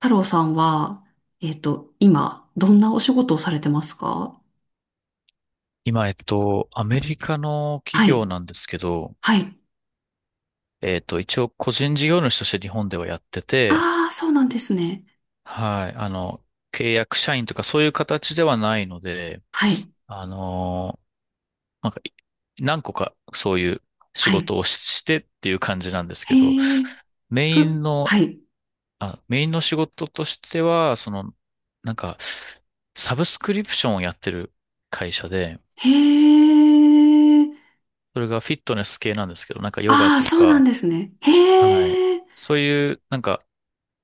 太郎さんは、今、どんなお仕事をされてますか？今、アメリカのは企業い。なんですけど、はい。一応個人事業主として日本ではやってて、ああ、そうなんですね。はい、契約社員とかそういう形ではないので、はい。あのなんか、何個かそういう仕はい。事をし、してっていう感じなんですけど、へえ、メふ、インの、はい。メインの仕事としては、その、なんか、サブスクリプションをやってる会社で、へえ、それがフィットネス系なんですけど、なんかヨガああ、とそうなんか、ですね。はい、へえ、そういう、なんか、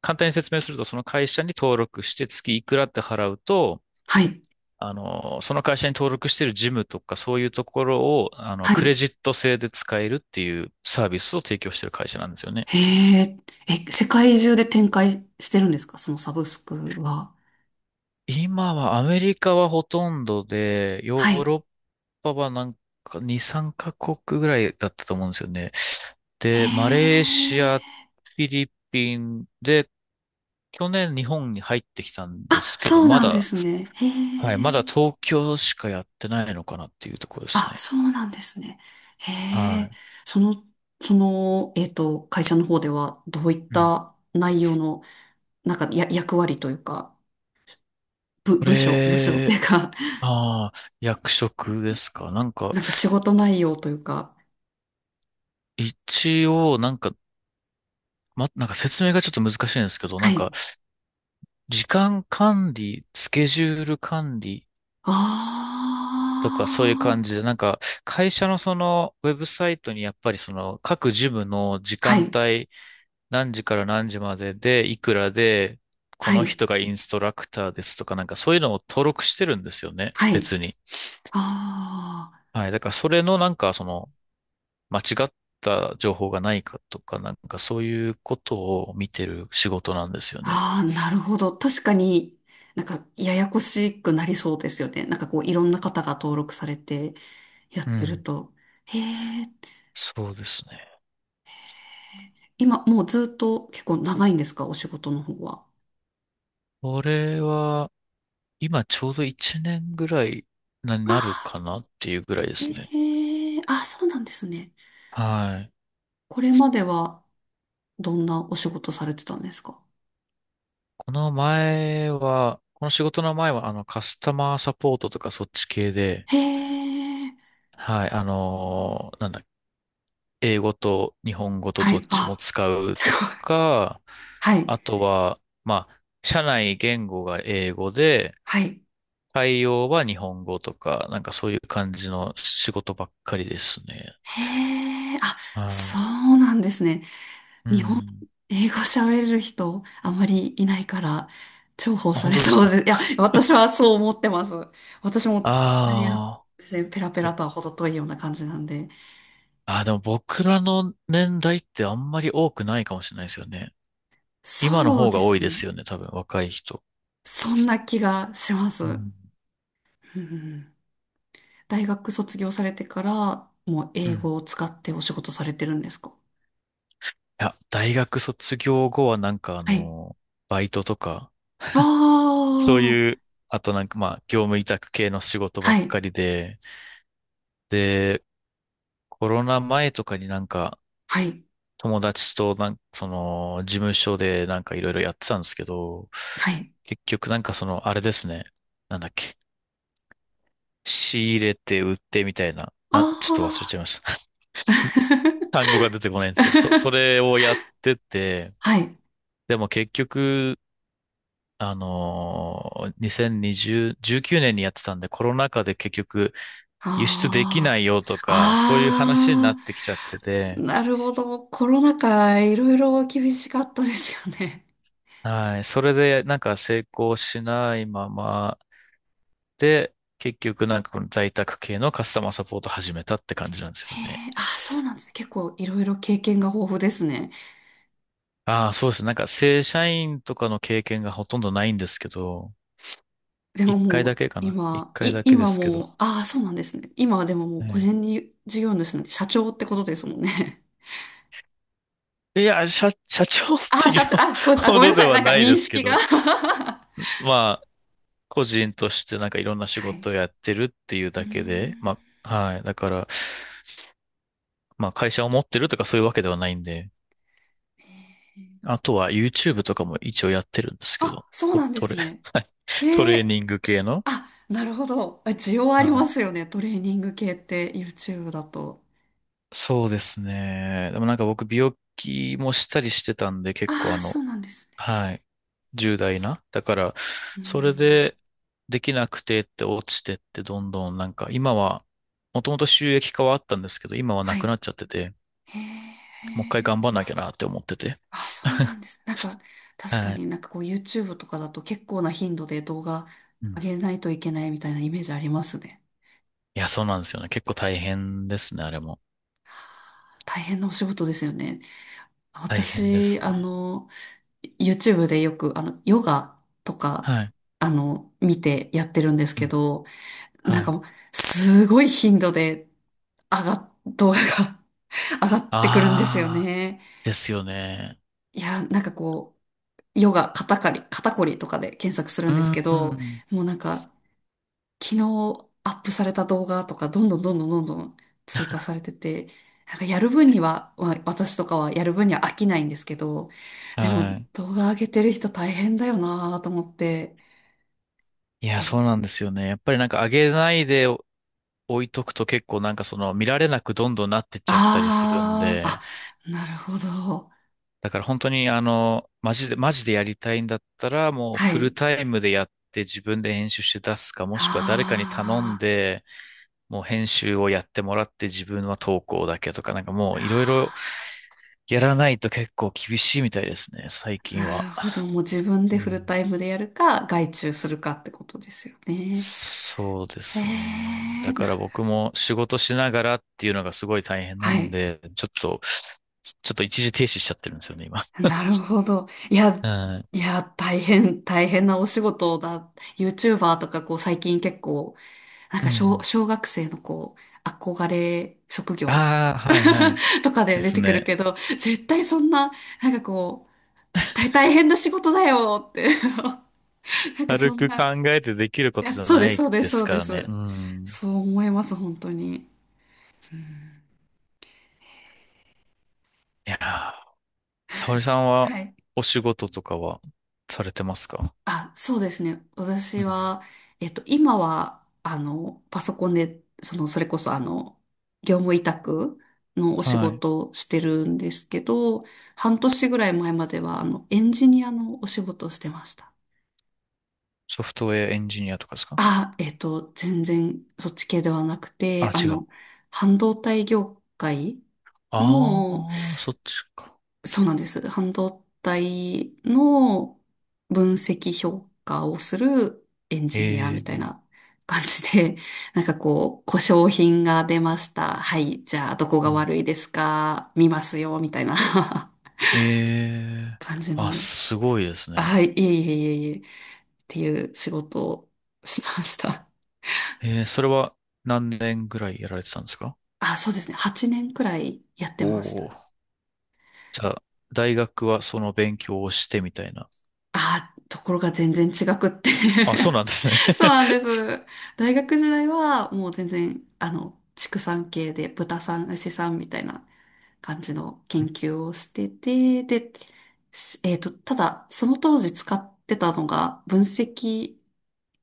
簡単に説明すると、その会社に登録して月いくらって払うと、はい。その会社に登録しているジムとかそういうところを、はクレい。ジット制で使えるっていうサービスを提供している会社なんですよね。へえ、え、世界中で展開してるんですか、そのサブスクは？今はアメリカはほとんどで、ヨはーい。ロッパはなんか2、3カ国ぐらいだったと思うんですよね。へで、マレーシえ、ア、フィリピンで、去年日本に入ってきたんであ、すけど、そうまなんでだ。すね。へはい。まえ。だ東京しかやってないのかなっていうところですあ、ね。そうなんですね。へはえ、い。その、会社の方ではどういっうんた内容の、なんかや、役割というか、部、こ部署、部署ってれ、いうか、ああ、役職ですか？なん か、なんか仕事内容というか、一応、なんか、なんか説明がちょっと難しいんですけど、はなんか、い。時間管理、スケジュール管理とかそういうあ感じで、あ、なんか、会社のその、ウェブサイトにやっぱりその、各事務の時は間い、帯何時から何時までで、いくらで、こはのい、人がインストラクターですとか、なんかそういうのを登録してるんですよね、はい。別に。あはい。だからそれのなんかその、間違った情報がないかとか、なんかそういうことを見てる仕事なんですよね。あ、ああ、なるほど。確かになんかややこしくなりそうですよね。なんかこういろんな方が登録されてやうってるん。と。へえ、そうですね。今、もうずっと結構長いんですか、お仕事の方は？これは、今ちょうど1年ぐらいにあなるかあ、なっていうぐらいですね。ええあ、そうなんですね。はい。これまではどんなお仕事されてたんですか？この仕事の前は、カスタマーサポートとかそっち系で、へえ、はい、あのーなんだ、英語と日本語とはどっい、ちもあ、使うすとごい。か、はい、あとは、まあ、社内言語が英語で、はい。対応は日本語とか、なんかそういう感じの仕事ばっかりですね。へえ、あ、そはうなんですね。い。う日本、ん。英語喋れる人、あまりいないから、重宝あ、さ本れ当ですそうか？で、いや、私はそう思ってます。私も、イタリア、あペラペあ、ぼラとは程遠いような感じなんで。あー、でも僕らの年代ってあんまり多くないかもしれないですよね。今のそう方でが多すいでね。すよね、多分、若い人。そんな気がします。ううん。ん。うん。大学卒業されてから、もうう英ん語を使ってお仕事されてるんですか？いや、大学卒業後はなんかはい。バイトとか、あそういあ、う、あとなんか業務委託系の仕事ばはっい、かりで、で、コロナ前とかになんか、はい、友達となんか、その、事務所でなんかいろいろやってたんですけど、はい。結局なんかその、あれですね。なんだっけ。仕入れて売ってみたいな。ちょっと忘れあちゃあ、いました。単語が出てこないんですけど、それをやってて、はい。でも結局、2020、19年にやってたんで、コロナ禍で結局輸出できなあいよとか、そういう話になあ、あってきちゃってて、あ、なるほど。コロナ禍、いろいろ厳しかったですよね。はい。それでなんか成功しないままで、結局なんかこの在宅系のカスタマーサポート始めたって感じなんですよへね。え、ああ、そうなんですね。結構いろいろ経験が豊富ですね。ああ、そうですね。なんか正社員とかの経験がほとんどないんですけど、でも一回もだうけかな。一今、回い、だけで今すけど。もう、ああ、そうなんですね。今はでももうは個い。人に事業主なんて社長ってことですもんね。いや、社長っ あてあ、いう社長、あ、ほごめんどなでさい。はなんかない認ですけ識が ど、ま個人としてなんかいろんな仕はい。事をやってるっていううーだんけで、まあ、はい。だから、まあ会社を持ってるとかそういうわけではないんで、あとは YouTube とかも一応やってるんですけど、あ、そうトなんでトすレ、ね。トえレーえニング系の。あ、なるほど。あ、需要ありはまい。すよね。トレーニング系って YouTube だと。そうですね。でもなんか僕病気もしたりしてたんで結構ああ、そうなんですね。はい。重大な。だから、うーそれん。でできなくてって落ちてってどんどんなんか今は、もともと収益化はあったんですけど、今はなはくない。っちゃってて、へもう一回え。頑張んなきゃなって思ってて。あ、そうな んです。なんか、確かはい。になんかこう YouTube とかだと結構な頻度で動画うん上げないといけないみたいなイメージありますね。いや、そうなんですよね。結構大変ですね、あれも。大変なお仕事ですよね。大変で私、すね。YouTube でよくヨガとか、はい。見てやってるんですうけん。ど、なはんかい。もう、すごい頻度で動画が 上がってくるんですよああ、ね。ですよね。いや、なんかこう、ヨガ、肩こりとかで検索するうんですけど、ん。もうなんか、昨日アップされた動画とか、どんどんどんどんどんどん追加されてて、なんかやる分には、私とかはやる分には飽きないんですけど、でもはい。動画上げてる人大変だよなと思って、いや、そうなんですよね。やっぱりなんか上げないで置いとくと結構なんかその見られなくどんどんなってっちゃったりするんああで、ー、あ、なるほど。だから本当にマジで、マジでやりたいんだったら、もうはフルい。タイムでやって自分で編集して出すか、もしくは誰かに頼んあで、もう編集をやってもらって自分は投稿だけとか、なんかもういろいろやらないと結構厳しいみたいですね、最あ、近なるは。ほど。もう自分でうフルん、タイムでやるか、外注するかってことですよね。そうでえすね。え、だかなら僕も仕事しながらっていうのがすごい大変なはんい。で、ちょっと、ちょっと一時停止しちゃってるんですよね、今。なるほど。いや、うん。いや、大変、大変なお仕事だ。YouTuber とか、こう、最近結構、なんうか小、ん。小学生のこう、憧れ職業 ああ、はいはい。とかでで出すてくるね。けど、絶対そんな、なんかこう、絶対大変な仕事だよって なんか軽そんくな、考いえてできることじや、ゃそうでなす、いそうでです、そすうかでらね。す。うん。そう思います、本当に。いやー、沙織さんははい。お仕事とかはされてますか？あ、そうですね。う私ん。は、今は、パソコンで、その、それこそ、業務委託のお仕はい。事をしてるんですけど、半年ぐらい前までは、エンジニアのお仕事をしてました。ソフトウェアエンジニアとかですか？あ、全然、そっち系ではなくて、あ、違う。半導体業界あの、あ、そっちか。そうなんです。半導体の分析評価をするエンジニアみたいええ。な感じで、なんかこう、故障品が出ました。はい、じゃあどこうがん。悪いですか、見ますよ、みたいな ええ。感じあ、の。すごいですあ、ね。はい、いえいえいえいえ、っていう仕事をしました。ええ。それは何年ぐらいやられてたんですか？ あ、そうですね。8年くらいやってお。ました。おー。じゃあ、大学はその勉強をしてみたいな。あ、ところが全然違くって あ、そうなんですね。そうなんで す。大学時代はもう全然、畜産系で豚さん、牛さんみたいな感じの研究をしてて、で、しえっと、ただ、その当時使ってたのが分析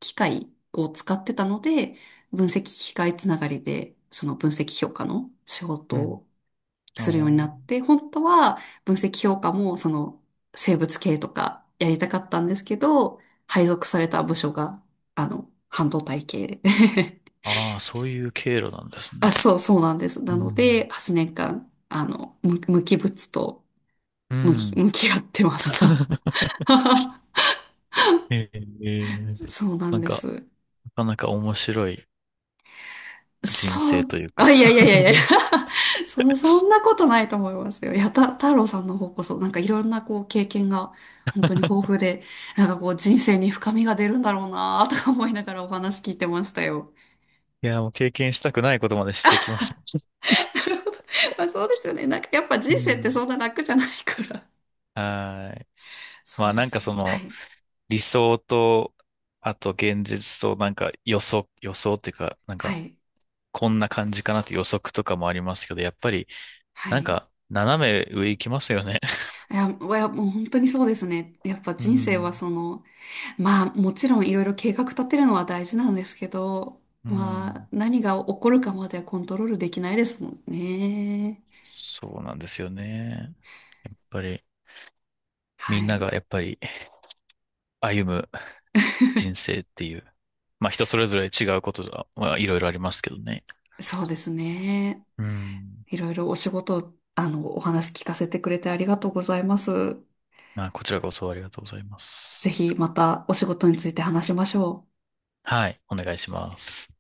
機械を使ってたので、分析機械つながりで、その分析評価の仕うん。事あするようになっー。て、本当は分析評価もその生物系とかやりたかったんですけど、配属された部署が、半導体系で ああ、そういう経路なんです あ、ね。そう、そうなんです。うなので、ん。8年間、無機物とう向き、ん。向き合ってました。ええ。そうななんんでか、す。なかなか面白い人そ生う、というあ、か いやいやいやいや そんなことないと思いますよ。いや、太郎さんの方こそ、なんかいろんなこう経験が本当に豊富で、なんかこう人生に深みが出るんだろうなとか思いながらお話聞いてましたよ。いや、もう経験したくないことまでしてきました。なるほど。まあそうですよね。なんかやっぱう人生ってん。そんな楽じゃないから。はーい。そまうあでなんすかね。そはのい。理想と、あと現実となんか予想っていうか、なんはかい。こんな感じかなって予測とかもありますけど、やっぱりはなんい。か斜め上行きますよね。いや、いやもう本当にそうですね。やっぱ う人生はん。その、まあ、もちろんいろいろ計画立てるのは大事なんですけど、うまあ、ん。何が起こるかまではコントロールできないですもんね。そうなんですよね。やっぱり、みはんない。がやっぱり歩む人 生っていう、まあ人それぞれ違うことが、まあいろいろありますけどね。そうですね。うん。いろいろお仕事、お話聞かせてくれてありがとうございます。まあこちらこそありがとうございまぜす。ひまたお仕事について話しましょう。はい、お願いします。